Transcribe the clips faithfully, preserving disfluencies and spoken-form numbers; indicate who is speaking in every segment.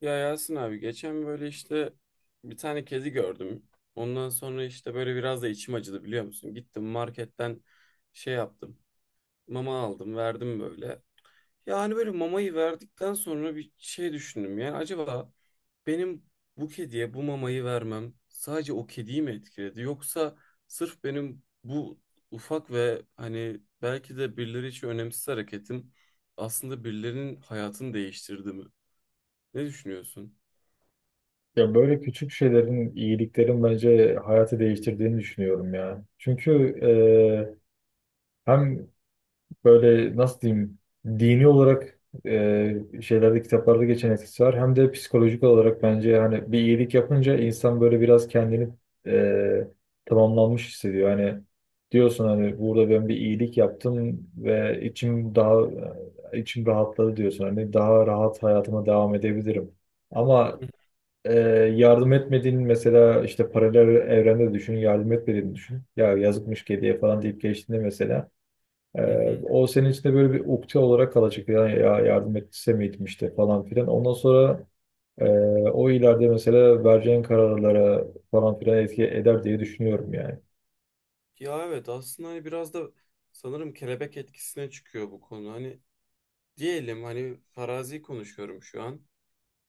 Speaker 1: Ya Yasin abi, geçen böyle işte bir tane kedi gördüm. Ondan sonra işte böyle biraz da içim acıdı, biliyor musun? Gittim marketten şey yaptım. Mama aldım, verdim böyle. Ya hani böyle mamayı verdikten sonra bir şey düşündüm. Yani acaba benim bu kediye bu mamayı vermem sadece o kediyi mi etkiledi? Yoksa sırf benim bu ufak ve hani belki de birileri için önemsiz hareketim aslında birilerinin hayatını değiştirdi mi? Ne düşünüyorsun?
Speaker 2: Ya böyle küçük şeylerin, iyiliklerin bence hayatı değiştirdiğini düşünüyorum ya. Çünkü e, hem böyle, nasıl diyeyim, dini olarak e, şeylerde, kitaplarda geçen etkisi var. Hem de psikolojik olarak bence hani bir iyilik yapınca insan böyle biraz kendini e, tamamlanmış hissediyor. Hani diyorsun, hani burada ben bir iyilik yaptım ve içim daha içim rahatladı diyorsun. Hani daha rahat hayatıma devam edebilirim. Ama ee, yardım etmediğin, mesela işte paralel evrende düşün, yardım etmediğini düşün. Ya yazıkmış kediye falan deyip geçtiğinde mesela e,
Speaker 1: Hı hı.
Speaker 2: o senin içinde böyle bir ukde olarak kalacak. Yani ya yardım etse miydim işte falan filan. Ondan sonra e, o ileride mesela vereceğin kararlara falan filan etki eder diye düşünüyorum yani.
Speaker 1: Ya evet, aslında hani biraz da sanırım kelebek etkisine çıkıyor bu konu. Hani diyelim, hani farazi konuşuyorum şu an.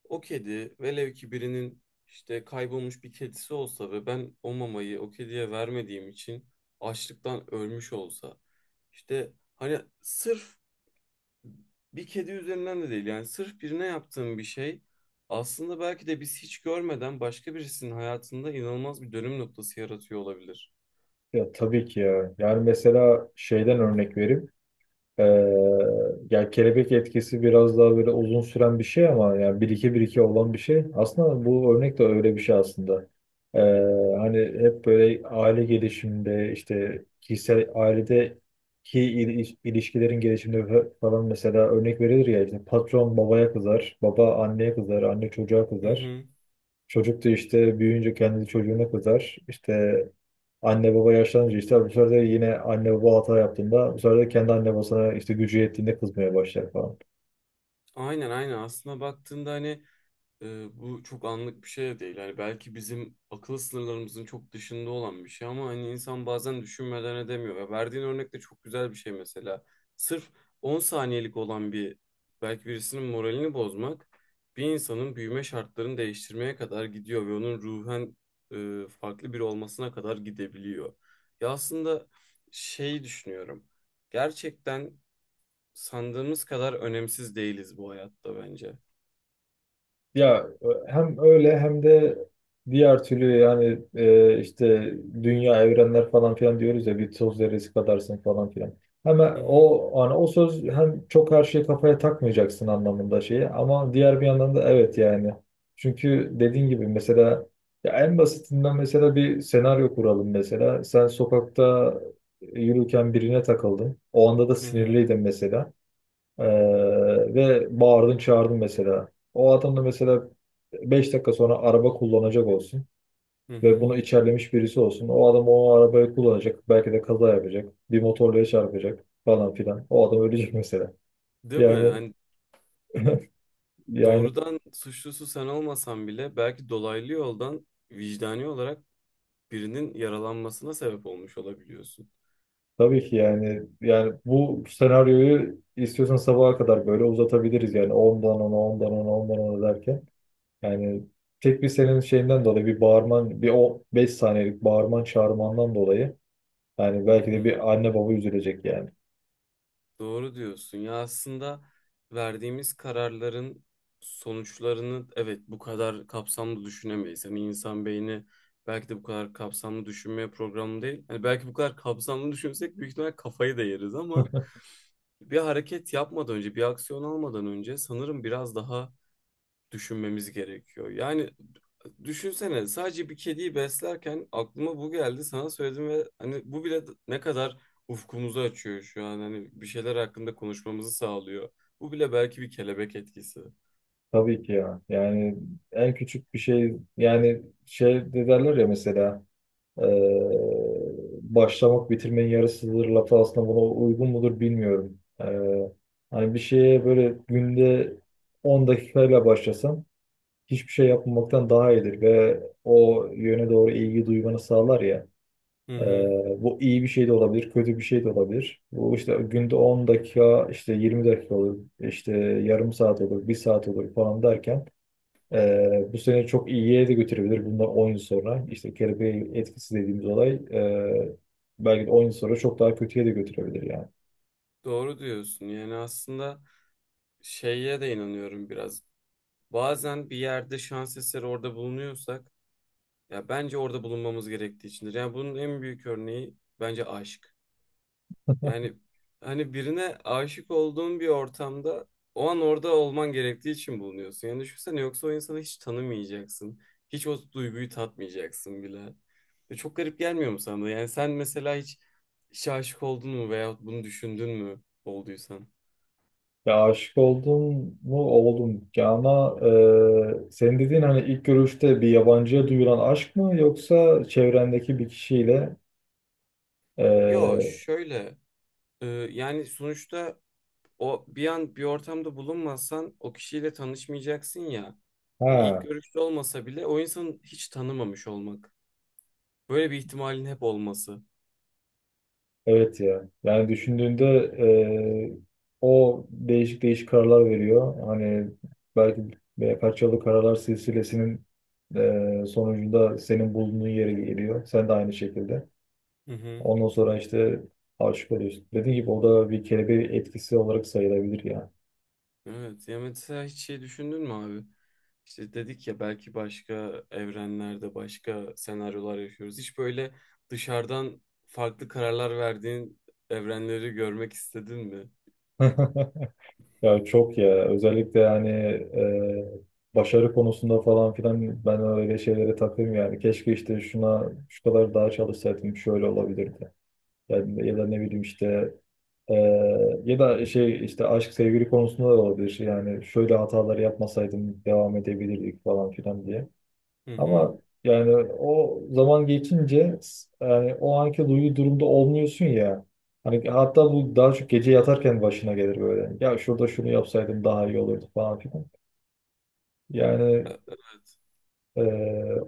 Speaker 1: O kedi velev ki birinin işte kaybolmuş bir kedisi olsa ve ben o mamayı o kediye vermediğim için açlıktan ölmüş olsa. İşte hani sırf bir kedi üzerinden de değil, yani sırf birine yaptığım bir şey aslında belki de biz hiç görmeden başka birisinin hayatında inanılmaz bir dönüm noktası yaratıyor olabilir.
Speaker 2: Ya tabii ki ya. Yani mesela şeyden örnek vereyim. Ee, Ya kelebek etkisi biraz daha böyle uzun süren bir şey, ama yani bir iki bir iki olan bir şey. Aslında bu örnek de öyle bir şey aslında. Ee, Hani hep böyle aile gelişiminde, işte kişisel ailedeki il- ilişkilerin gelişiminde fa- falan mesela örnek verilir ya. İşte patron babaya kızar, baba anneye kızar, anne çocuğa
Speaker 1: Hı
Speaker 2: kızar.
Speaker 1: hı.
Speaker 2: Çocuk da işte büyüyünce kendi çocuğuna kızar. İşte anne baba yaşlanınca, işte bu sefer de yine anne baba hata yaptığında, bu sefer de kendi anne babasına işte gücü yettiğinde kızmaya başlar falan.
Speaker 1: Aynen aynen, aslında baktığında hani e, bu çok anlık bir şey de değil. Hani belki bizim akıl sınırlarımızın çok dışında olan bir şey ama hani insan bazen düşünmeden edemiyor. Ya verdiğin örnek de çok güzel bir şey mesela. Sırf on saniyelik olan bir, belki birisinin moralini bozmak, bir insanın büyüme şartlarını değiştirmeye kadar gidiyor ve onun ruhen e, farklı biri olmasına kadar gidebiliyor. Ya aslında şey düşünüyorum. Gerçekten sandığımız kadar önemsiz değiliz bu hayatta bence.
Speaker 2: Ya hem öyle hem de diğer türlü. Yani e, işte dünya, evrenler falan filan diyoruz ya, bir toz zerresi kadarsın falan filan. Hemen
Speaker 1: Hı hı,
Speaker 2: o, hani o söz hem çok her şeyi kafaya takmayacaksın anlamında şeyi, ama diğer bir yandan da evet yani. Çünkü dediğin gibi mesela, ya en basitinden mesela bir senaryo kuralım mesela. Sen sokakta yürürken birine takıldın. O anda da
Speaker 1: hı hı,
Speaker 2: sinirliydin mesela. Ee, Ve bağırdın, çağırdın mesela. O adam da mesela beş dakika sonra araba kullanacak olsun
Speaker 1: hı
Speaker 2: ve
Speaker 1: hı.
Speaker 2: bunu içerlemiş birisi olsun. O adam o arabayı kullanacak. Belki de kaza yapacak. Bir motorluya çarpacak falan filan. O adam ölecek mesela.
Speaker 1: Değil mi?
Speaker 2: Yani
Speaker 1: Hani
Speaker 2: yani
Speaker 1: doğrudan suçlusu sen olmasan bile belki dolaylı yoldan, vicdani olarak birinin yaralanmasına sebep olmuş olabiliyorsun.
Speaker 2: tabii ki yani yani bu senaryoyu istiyorsan sabaha kadar böyle uzatabiliriz yani, ondan ona ondan ona ondan ona derken. Yani tek bir senin şeyinden dolayı, bir bağırman, bir o beş saniyelik bağırman çağırmandan dolayı, yani
Speaker 1: Hı
Speaker 2: belki de
Speaker 1: hı.
Speaker 2: bir anne baba üzülecek yani.
Speaker 1: Doğru diyorsun. Ya aslında verdiğimiz kararların sonuçlarını, evet, bu kadar kapsamlı düşünemeyiz. Hani insan beyni belki de bu kadar kapsamlı düşünmeye programlı değil. Hani belki bu kadar kapsamlı düşünsek büyük ihtimal kafayı da yeriz ama bir hareket yapmadan önce, bir aksiyon almadan önce sanırım biraz daha düşünmemiz gerekiyor. Yani düşünsene, sadece bir kediyi beslerken aklıma bu geldi, sana söyledim ve hani bu bile ne kadar ufkumuzu açıyor şu an, hani bir şeyler hakkında konuşmamızı sağlıyor. Bu bile belki bir kelebek etkisi.
Speaker 2: Tabii ki ya. Yani en küçük bir şey. Yani şey de derler ya mesela, eee, başlamak bitirmenin yarısıdır lafı aslında buna uygun mudur bilmiyorum. Eee hani bir şeye böyle günde 10 dakikayla başlasan hiçbir şey yapmamaktan daha iyidir ve o yöne doğru ilgi duymanı sağlar ya.
Speaker 1: Hı hı.
Speaker 2: Ee, Bu iyi bir şey de olabilir, kötü bir şey de olabilir. Bu işte günde on dakika, işte yirmi dakika olur, işte yarım saat olur, bir saat olur falan derken ee, bu sene çok iyiye de götürebilir. Bundan 10 yıl sonra, işte kelebek etkisi dediğimiz olay, e, belki de 10 yıl sonra çok daha kötüye de götürebilir yani.
Speaker 1: Doğru diyorsun. Yani aslında şeye de inanıyorum biraz. Bazen bir yerde şans eseri orada bulunuyorsak ya bence orada bulunmamız gerektiği içindir. Yani bunun en büyük örneği bence aşk. Yani hani birine aşık olduğun bir ortamda o an orada olman gerektiği için bulunuyorsun. Yani düşünsene, yoksa o insanı hiç tanımayacaksın. Hiç o duyguyu tatmayacaksın bile. Ve çok garip gelmiyor mu sana da? Yani sen mesela hiç işe aşık oldun mu, veyahut bunu düşündün mü olduysan?
Speaker 2: Ya aşık oldum mu? Oldum. Ya ama e, senin dediğin hani ilk görüşte bir yabancıya duyulan aşk mı, yoksa çevrendeki bir kişiyle
Speaker 1: Yo,
Speaker 2: e,
Speaker 1: şöyle e, yani sonuçta o bir an bir ortamda bulunmazsan o kişiyle tanışmayacaksın ya. Hani ilk
Speaker 2: ha.
Speaker 1: görüşte olmasa bile o insanı hiç tanımamış olmak. Böyle bir ihtimalin hep olması.
Speaker 2: Evet ya. Yani düşündüğünde e, o değişik değişik kararlar veriyor. Hani belki birkaç yıllık kararlar silsilesinin e, sonucunda senin bulunduğun yere geliyor. Sen de aynı şekilde.
Speaker 1: Hı hı.
Speaker 2: Ondan sonra işte aşık oluyorsun. Dediğim gibi o da bir kelebek etkisi olarak sayılabilir ya.
Speaker 1: Evet. Ya mesela hiç şey düşündün mü abi? İşte dedik ya, belki başka evrenlerde başka senaryolar yaşıyoruz. Hiç böyle dışarıdan farklı kararlar verdiğin evrenleri görmek istedin mi?
Speaker 2: Ya çok ya. Özellikle yani e, başarı konusunda falan filan ben öyle şeylere takayım yani. Keşke işte şuna şu kadar daha çalışsaydım şöyle olabilirdi. Yani, ya da ne bileyim işte, e, ya da şey, işte aşk, sevgili konusunda da olabilir. Yani şöyle hataları yapmasaydım devam edebilirdik falan filan diye.
Speaker 1: Hı hı.
Speaker 2: Ama yani o zaman geçince, s- yani o anki duygu durumda olmuyorsun ya. Hani hatta bu daha çok gece yatarken başına gelir böyle. Ya şurada şunu yapsaydım daha iyi olurdu falan filan. Yani
Speaker 1: Ya,
Speaker 2: e,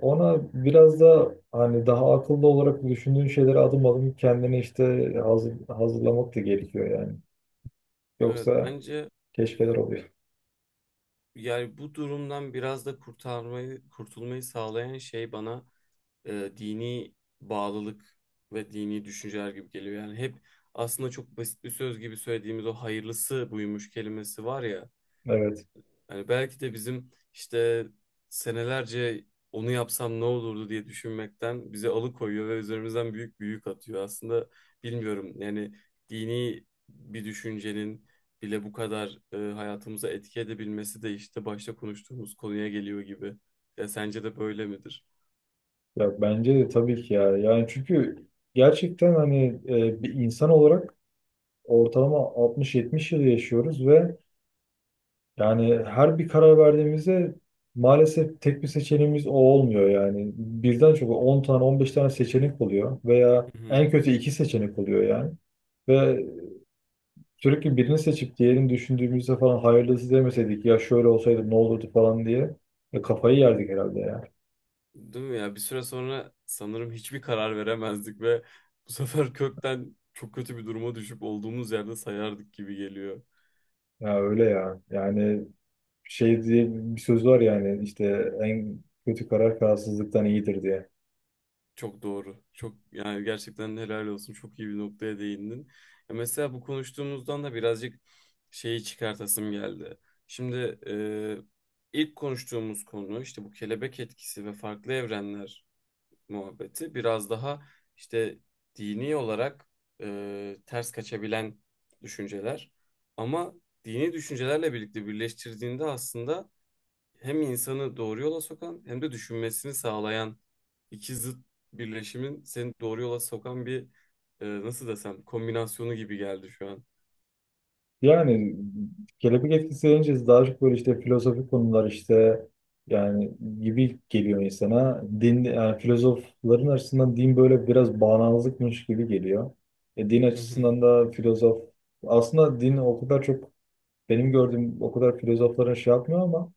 Speaker 2: ona biraz da hani daha akıllı olarak düşündüğün şeyleri adım adım kendini işte hazır, hazırlamak da gerekiyor yani.
Speaker 1: evet
Speaker 2: Yoksa
Speaker 1: bence
Speaker 2: keşfeler oluyor.
Speaker 1: yani bu durumdan biraz da kurtarmayı, kurtulmayı sağlayan şey bana e, dini bağlılık ve dini düşünceler gibi geliyor. Yani hep aslında çok basit bir söz gibi söylediğimiz o hayırlısı buymuş kelimesi var ya.
Speaker 2: Evet.
Speaker 1: Hani belki de bizim işte senelerce onu yapsam ne olurdu diye düşünmekten bizi alıkoyuyor ve üzerimizden büyük bir yük atıyor. Aslında bilmiyorum yani, dini bir düşüncenin bile bu kadar e, hayatımıza etki edebilmesi de işte başta konuştuğumuz konuya geliyor gibi. Ya sence de böyle midir?
Speaker 2: Ya bence de tabii ki ya. Yani çünkü gerçekten hani e, bir insan olarak ortalama altmış yetmiş yıl yaşıyoruz ve yani her bir karar verdiğimizde maalesef tek bir seçeneğimiz o olmuyor yani. Birden çok 10 tane, 15 tane seçenek oluyor, veya
Speaker 1: Hı hı.
Speaker 2: en kötü iki seçenek oluyor yani. Ve sürekli birini seçip diğerini düşündüğümüzde falan, hayırlısı demeseydik, ya şöyle olsaydı ne olurdu falan diye e, kafayı yerdik herhalde.
Speaker 1: Değil mi ya? Bir süre sonra sanırım hiçbir karar veremezdik ve bu sefer kökten çok kötü bir duruma düşüp olduğumuz yerde sayardık gibi geliyor.
Speaker 2: Ya öyle ya. Yani şey diye bir söz var yani, işte en kötü karar kararsızlıktan iyidir diye.
Speaker 1: Çok doğru. Çok, yani gerçekten helal olsun. Çok iyi bir noktaya değindin. Ya mesela bu konuştuğumuzdan da birazcık şeyi çıkartasım geldi. Şimdi e, ilk konuştuğumuz konu işte bu kelebek etkisi ve farklı evrenler muhabbeti biraz daha işte dini olarak e, ters kaçabilen düşünceler. Ama dini düşüncelerle birlikte birleştirdiğinde aslında hem insanı doğru yola sokan hem de düşünmesini sağlayan iki zıt birleşimin seni doğru yola sokan bir, e, nasıl desem, kombinasyonu gibi geldi şu an.
Speaker 2: Yani kelebek etkisi deyince daha çok böyle işte filozofik konular işte yani gibi geliyor insana. Din, yani filozofların açısından din böyle biraz bağnazlıkmış gibi geliyor. E, din
Speaker 1: Hı hı.
Speaker 2: açısından da filozof, aslında din o kadar çok, benim gördüğüm o kadar filozofların şey yapmıyor ama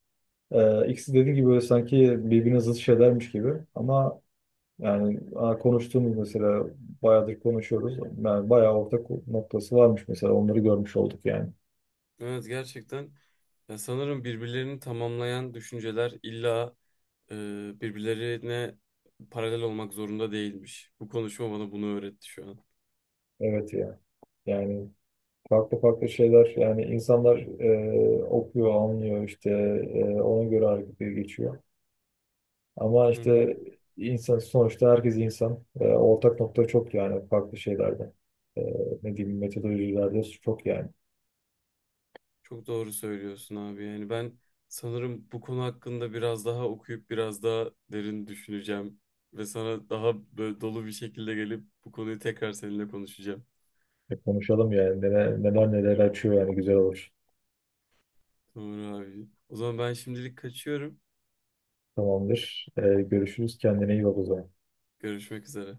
Speaker 2: e, ikisi, dediğim gibi böyle sanki birbirine zıt şeylermiş gibi ama. Yani aa, konuştuğumuz mesela bayağıdır konuşuyoruz. Yani bayağı ortak noktası varmış mesela, onları görmüş olduk yani.
Speaker 1: Evet, gerçekten ya sanırım birbirlerini tamamlayan düşünceler illa e, birbirlerine paralel olmak zorunda değilmiş. Bu konuşma bana bunu öğretti şu an.
Speaker 2: Evet ya. Yani farklı farklı şeyler yani. İnsanlar e, okuyor, anlıyor, işte e, ona göre harekete geçiyor. Ama
Speaker 1: Hı hı.
Speaker 2: işte insan sonuçta, herkes insan. Ee, ortak nokta çok yani farklı şeylerde. Ee, Ne diyeyim, metodolojilerde çok yani.
Speaker 1: Çok doğru söylüyorsun abi. Yani ben sanırım bu konu hakkında biraz daha okuyup biraz daha derin düşüneceğim ve sana daha böyle dolu bir şekilde gelip bu konuyu tekrar seninle konuşacağım.
Speaker 2: E, konuşalım yani, neler neler, neler açıyor yani, güzel olur.
Speaker 1: Doğru abi. O zaman ben şimdilik kaçıyorum.
Speaker 2: Tamamdır. Ee, görüşürüz. Kendine iyi bak o zaman.
Speaker 1: Görüşmek üzere.